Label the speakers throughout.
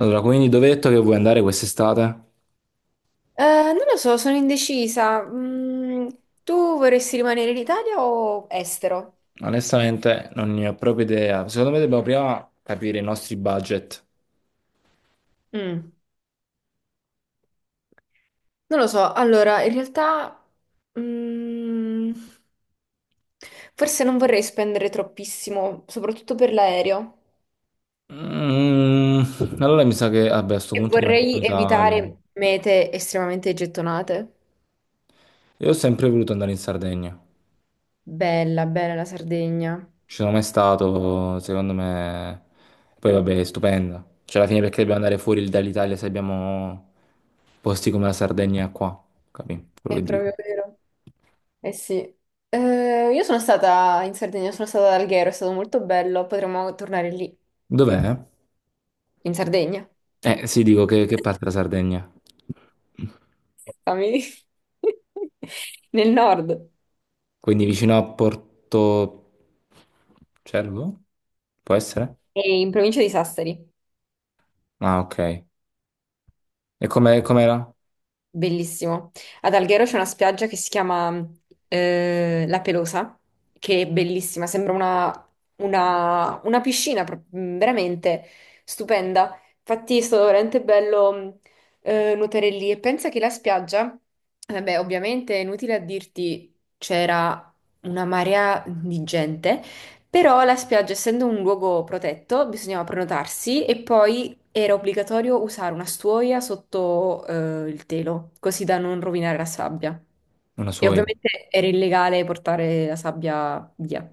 Speaker 1: Allora, quindi dove hai detto che vuoi andare quest'estate?
Speaker 2: Eh, non lo so, sono indecisa. Tu vorresti rimanere in Italia o estero?
Speaker 1: Onestamente non ne ho proprio idea. Secondo me dobbiamo prima capire i nostri budget.
Speaker 2: Mm. Non lo so. Allora, in realtà, mm, forse non vorrei spendere troppissimo, soprattutto per l'aereo.
Speaker 1: Mm, allora mi sa che, vabbè, a sto
Speaker 2: E
Speaker 1: punto rimaniamo in
Speaker 2: vorrei
Speaker 1: Italia.
Speaker 2: evitare mete estremamente gettonate.
Speaker 1: Io ho sempre voluto andare in Sardegna.
Speaker 2: Bella, bella la Sardegna.
Speaker 1: Ci sono mai stato, secondo me... Poi vabbè, è stupenda. Cioè, alla fine perché dobbiamo andare fuori dall'Italia se abbiamo posti come la Sardegna qua? Capì? Quello
Speaker 2: È
Speaker 1: che dico.
Speaker 2: proprio vero. Eh sì. Io sono stata in Sardegna, sono stata ad Alghero, è stato molto bello. Potremmo tornare lì,
Speaker 1: Dov'è?
Speaker 2: in Sardegna.
Speaker 1: Eh sì, dico che, parte la Sardegna.
Speaker 2: Stavi- Nel nord,
Speaker 1: Quindi vicino a Porto Cervo? Può essere?
Speaker 2: e in provincia di Sassari.
Speaker 1: Ah, ok. E come com'era?
Speaker 2: Bellissimo. Ad Alghero c'è una spiaggia che si chiama La Pelosa, che è bellissima, sembra una, una piscina veramente stupenda. Infatti è stato veramente bello nuotare lì e pensa che la spiaggia, vabbè, ovviamente è inutile a dirti, c'era una marea di gente, però la spiaggia, essendo un luogo protetto, bisognava prenotarsi e poi era obbligatorio usare una stuoia sotto il telo, così da non rovinare la sabbia.
Speaker 1: Una
Speaker 2: E
Speaker 1: soia.
Speaker 2: ovviamente era illegale portare la sabbia via.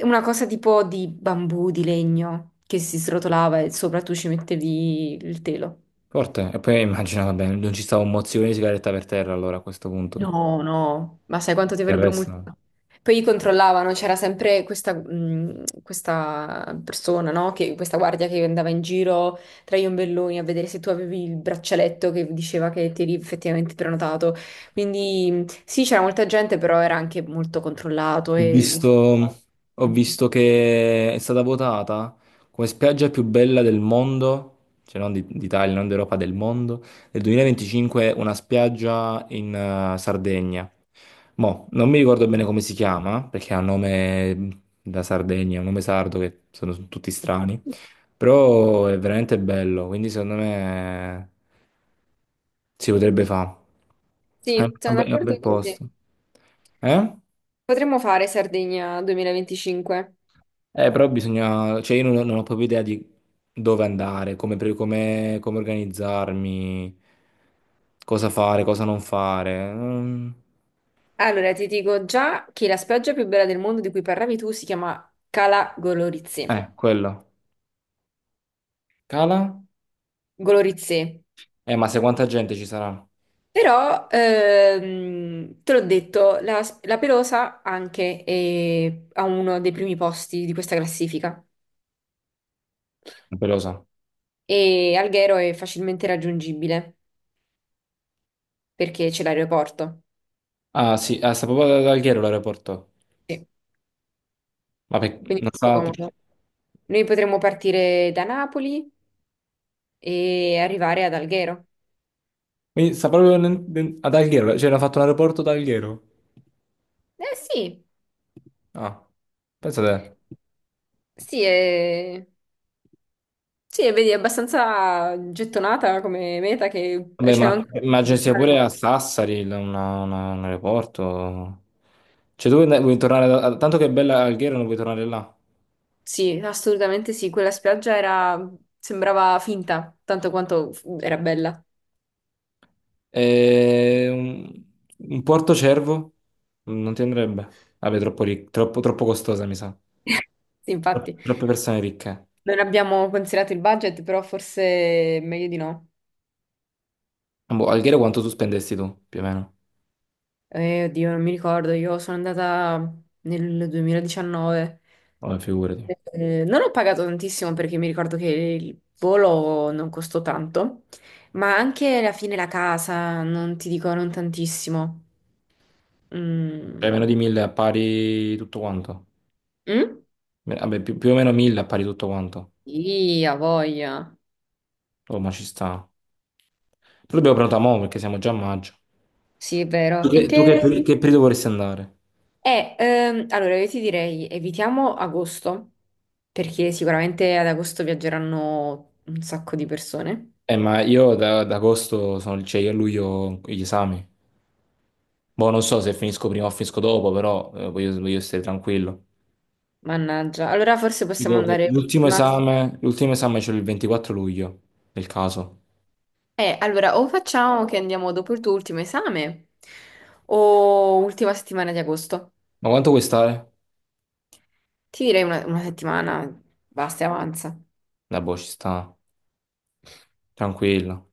Speaker 2: Una cosa tipo di bambù, di legno, che si srotolava e sopra tu ci mettevi il telo.
Speaker 1: Forte. E poi immagino, vabbè, non ci stava un mozzicone di sigaretta per terra allora a questo punto.
Speaker 2: No, no, ma sai quanto ti
Speaker 1: Il
Speaker 2: avrebbero
Speaker 1: resto. No.
Speaker 2: multato? Poi controllavano, c'era sempre questa, questa persona, no? Questa guardia che andava in giro tra gli ombelloni a vedere se tu avevi il braccialetto che diceva che ti eri effettivamente prenotato. Quindi sì, c'era molta gente, però era anche molto controllato
Speaker 1: Ho
Speaker 2: e...
Speaker 1: visto, ho visto che è stata votata come spiaggia più bella del mondo, cioè non di- d'Italia, non d'Europa, del mondo, nel 2025, una spiaggia in Sardegna. Mo, non mi ricordo bene come si chiama, perché ha un nome da Sardegna, un nome sardo che sono tutti strani, però è veramente bello, quindi secondo me si potrebbe fare. È un
Speaker 2: Sì, sono
Speaker 1: è un bel
Speaker 2: d'accordo con te.
Speaker 1: posto. Eh?
Speaker 2: Potremmo fare Sardegna 2025.
Speaker 1: Però bisogna, cioè io non, non ho proprio idea di dove andare, come, pre- come- come organizzarmi, cosa fare, cosa non fare. Mm.
Speaker 2: Allora, ti dico già che la spiaggia più bella del mondo di cui parlavi tu si chiama Cala Golorizze.
Speaker 1: Quello. Cala?
Speaker 2: Golorizze.
Speaker 1: Ma se quanta gente ci sarà? Non
Speaker 2: Però, te l'ho detto, la Pelosa anche è a uno dei primi posti di questa classifica
Speaker 1: lo so.
Speaker 2: e Alghero è facilmente raggiungibile perché c'è l'aeroporto.
Speaker 1: Ah, sì, ah, sta proprio ad Alghero l'aeroporto.
Speaker 2: Sì.
Speaker 1: Ma per-
Speaker 2: Quindi
Speaker 1: non
Speaker 2: è molto
Speaker 1: sta...
Speaker 2: comodo. Noi potremmo partire da Napoli e arrivare ad Alghero.
Speaker 1: Quindi sta proprio nel- nel- ad Alghero, cioè hanno fatto l'aeroporto ad Alghero.
Speaker 2: Eh sì,
Speaker 1: Ah, pensa te.
Speaker 2: sì, è... Sì, e vedi, è abbastanza gettonata come meta che
Speaker 1: Vabbè,
Speaker 2: c'è
Speaker 1: ma
Speaker 2: anche...
Speaker 1: immagino sia pure a Sassari il- una- un aeroporto. Cioè, tu vuoi tornare da- tanto che è bella Alghero, non vuoi tornare là.
Speaker 2: Sì, assolutamente sì, quella spiaggia era... sembrava finta, tanto quanto era bella.
Speaker 1: E un Porto Cervo non ti andrebbe. Vabbè, troppo, ric- troppo, troppo costosa, mi sa.
Speaker 2: Sì,
Speaker 1: Tro-
Speaker 2: infatti,
Speaker 1: Troppe persone ricche.
Speaker 2: non abbiamo considerato il budget, però forse è meglio di no.
Speaker 1: Boh, Alghero quanto tu spendesti tu, più o meno?
Speaker 2: Oddio, non mi ricordo, io sono andata nel 2019.
Speaker 1: Vabbè, figurati.
Speaker 2: Non ho pagato tantissimo perché mi ricordo che il volo non costò tanto, ma anche alla fine la casa, non ti dico, non tantissimo. Mm?
Speaker 1: Cioè, meno di 1000 a pari tutto quanto.
Speaker 2: Mm?
Speaker 1: Me- Vabbè, più, più o meno 1000 a pari tutto quanto.
Speaker 2: Sì, ha voglia.
Speaker 1: Oh, ma ci sta. Però dobbiamo prenotare mo' perché siamo già a maggio.
Speaker 2: Sì, è
Speaker 1: Tu
Speaker 2: vero. In
Speaker 1: che, tu
Speaker 2: che...
Speaker 1: che- che periodo vorresti andare?
Speaker 2: Allora io ti direi evitiamo agosto, perché sicuramente ad agosto viaggeranno un sacco di persone.
Speaker 1: Ma io da, ad agosto sono, cioè io a luglio ho gli esami. Boh, non so se finisco prima o finisco dopo, però voglio, voglio stare tranquillo.
Speaker 2: Mannaggia. Allora forse possiamo
Speaker 1: Dico che
Speaker 2: andare... Ma...
Speaker 1: l'ultimo esame c'è il 24 luglio, nel caso.
Speaker 2: Allora o facciamo che andiamo dopo il tuo ultimo esame o ultima settimana di agosto.
Speaker 1: Ma quanto vuoi stare?
Speaker 2: Ti direi una settimana, basta e avanza.
Speaker 1: La boh, ci sta, tranquillo.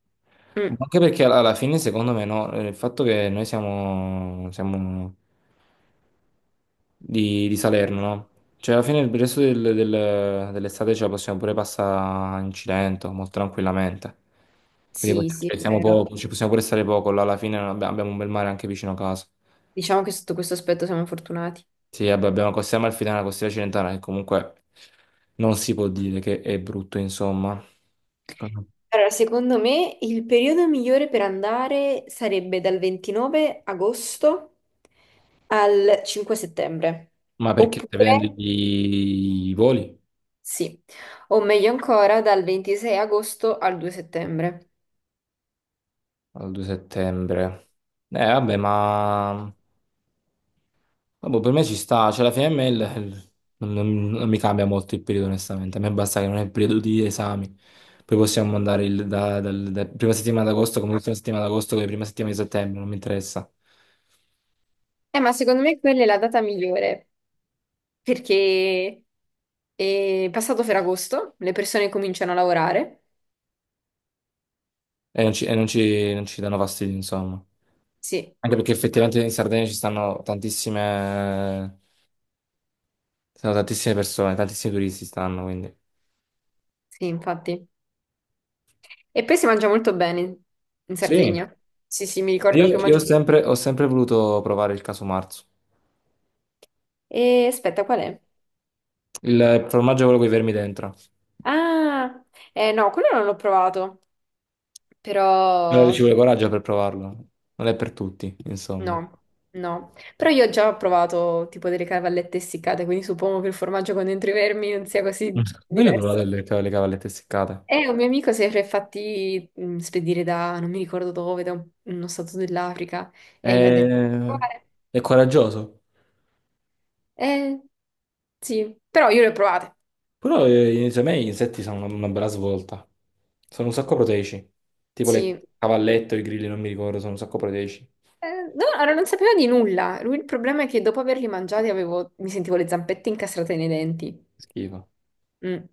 Speaker 1: Ma
Speaker 2: Mm.
Speaker 1: anche perché alla fine, secondo me, no, il fatto che noi siamo, siamo di Salerno, no? Cioè, alla fine il resto del- del- dell'estate ce la possiamo pure passare in Cilento, molto tranquillamente. Quindi
Speaker 2: Sì,
Speaker 1: possiamo-
Speaker 2: sì,
Speaker 1: cioè,
Speaker 2: è
Speaker 1: siamo
Speaker 2: vero.
Speaker 1: poco, ci possiamo pure stare poco, là alla fine non abbiamo, abbiamo un bel mare anche vicino a casa.
Speaker 2: Diciamo che sotto questo aspetto siamo fortunati.
Speaker 1: Sì, vabbè, abbiamo la costiera amalfitana, la costiera cilentana, che comunque non si può dire che è brutto, insomma.
Speaker 2: Allora, secondo me il periodo migliore per andare sarebbe dal 29 agosto al 5 settembre,
Speaker 1: Ma perché stai vedendo
Speaker 2: oppure
Speaker 1: i voli?
Speaker 2: sì, o meglio ancora dal 26 agosto al 2 settembre.
Speaker 1: Al 2 settembre. Vabbè, ma... Ah, boh, per me ci sta, cioè la FML non, non mi cambia molto il periodo onestamente, a me basta che non è il periodo di esami, poi possiamo andare il- da, dal- da prima settimana d'agosto come l'ultima settimana d'agosto come prima settimana di settembre, non mi interessa
Speaker 2: Ma secondo me quella è la data migliore perché è passato Ferragosto, le persone cominciano a lavorare.
Speaker 1: e non ci, e non ci danno fastidio insomma,
Speaker 2: Sì,
Speaker 1: anche perché effettivamente in Sardegna ci stanno tantissime persone, tantissimi turisti stanno quindi.
Speaker 2: sì, infatti. E poi si mangia molto bene in
Speaker 1: Sì,
Speaker 2: Sardegna. Sì, sì, mi
Speaker 1: io,
Speaker 2: ricordo che ho
Speaker 1: io
Speaker 2: mangiato.
Speaker 1: ho sempre voluto provare il caso marzo,
Speaker 2: E aspetta, qual è?
Speaker 1: il formaggio è quello con i vermi dentro.
Speaker 2: Ah, no, quello non l'ho provato,
Speaker 1: Ci
Speaker 2: però
Speaker 1: vuole coraggio per provarlo. Non è per tutti, insomma.
Speaker 2: no, no. Però io ho già provato tipo delle cavallette essiccate, quindi suppongo che il formaggio con dentro i vermi non sia così
Speaker 1: Noi le ho provate
Speaker 2: diverso.
Speaker 1: le, ca- le cavallette seccate.
Speaker 2: E un mio amico si era fatti spedire da, non mi ricordo dove, da uno stato dell'Africa,
Speaker 1: È,
Speaker 2: e mi ha detto, "Di provare?"
Speaker 1: è coraggioso.
Speaker 2: Eh, sì, però io le ho provate,
Speaker 1: Però secondo me gli insetti sono una bella svolta. Sono un sacco proteici. Tipo le
Speaker 2: sì.
Speaker 1: cavallette o i grilli, non mi ricordo, sono un sacco proteici.
Speaker 2: No, allora non sapevo di nulla. Il problema è che dopo averli mangiati mi sentivo le zampette incastrate nei denti.
Speaker 1: Schifo.
Speaker 2: Mm.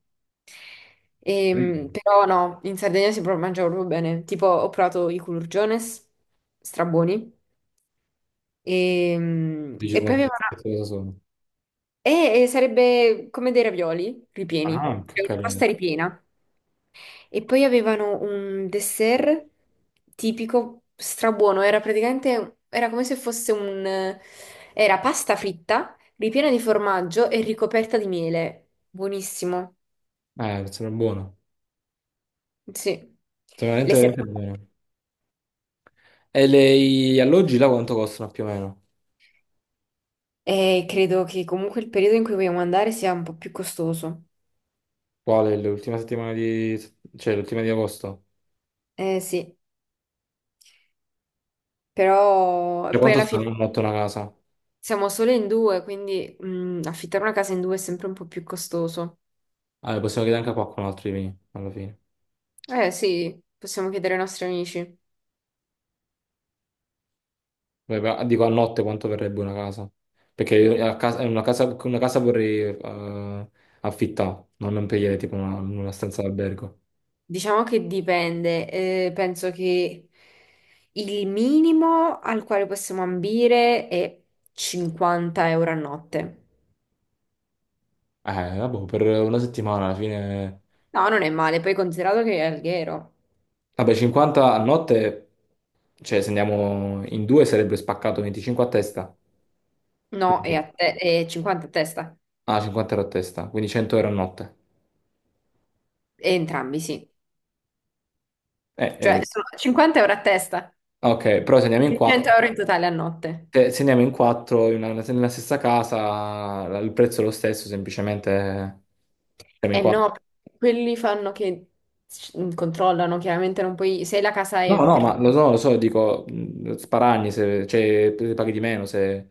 Speaker 1: Grilli.
Speaker 2: Però no, in Sardegna si mangia proprio bene. Tipo, ho provato i culurgiones, strabuoni.
Speaker 1: Dici
Speaker 2: E, poi
Speaker 1: come
Speaker 2: aveva
Speaker 1: che
Speaker 2: una-
Speaker 1: cosa sono.
Speaker 2: e sarebbe come dei ravioli
Speaker 1: Ah,
Speaker 2: ripieni,
Speaker 1: anche, ho
Speaker 2: cioè una
Speaker 1: capito.
Speaker 2: pasta ripiena. E poi avevano un dessert tipico strabuono, era praticamente, era come se fosse un... Era pasta fritta, ripiena di formaggio e ricoperta di miele. Buonissimo,
Speaker 1: Sembra buono.
Speaker 2: sì.
Speaker 1: Sembra
Speaker 2: Le
Speaker 1: veramente,
Speaker 2: serrate.
Speaker 1: veramente buono. E le- gli alloggi là quanto costano più o meno?
Speaker 2: E credo che comunque il periodo in cui vogliamo andare sia un po' più costoso.
Speaker 1: Quale? L'ultima settimana di... cioè l'ultima di agosto?
Speaker 2: Eh sì, però
Speaker 1: Cioè,
Speaker 2: poi
Speaker 1: quanto
Speaker 2: alla
Speaker 1: sta a
Speaker 2: fine
Speaker 1: notte una casa?
Speaker 2: siamo solo in due, quindi affittare una casa in due è sempre un po' più costoso.
Speaker 1: Ah, beh, possiamo chiedere anche a qualcun altro di venire, alla fine.
Speaker 2: Eh sì, possiamo chiedere ai nostri amici.
Speaker 1: Beh, però, dico a notte quanto verrebbe una casa? Perché io a casa- una casa, una casa vorrei affittare, non non prendere tipo una stanza d'albergo.
Speaker 2: Diciamo che dipende, penso che il minimo al quale possiamo ambire è 50 euro a notte.
Speaker 1: Vabbè, per una settimana alla fine...
Speaker 2: No, non è male, poi considerato che è Alghero.
Speaker 1: Vabbè, 50 a notte, cioè se andiamo in due sarebbe spaccato 25 a testa.
Speaker 2: No, è,
Speaker 1: Quindi...
Speaker 2: è 50 a testa.
Speaker 1: Ah, 50 € a testa, quindi 100 € a notte.
Speaker 2: E entrambi, sì.
Speaker 1: Eh,
Speaker 2: Cioè,
Speaker 1: eh,
Speaker 2: sono 50 euro a testa,
Speaker 1: ok, però se andiamo in
Speaker 2: 100
Speaker 1: quattro...
Speaker 2: euro in totale a notte.
Speaker 1: Se se andiamo in quattro in una- nella stessa casa, la- il prezzo è lo stesso, semplicemente siamo in
Speaker 2: E
Speaker 1: quattro.
Speaker 2: no, quelli fanno che controllano, chiaramente non puoi, se la casa
Speaker 1: No,
Speaker 2: è
Speaker 1: no,
Speaker 2: per...
Speaker 1: ma lo so, dico, sparagni, se, cioè, paghi di meno se...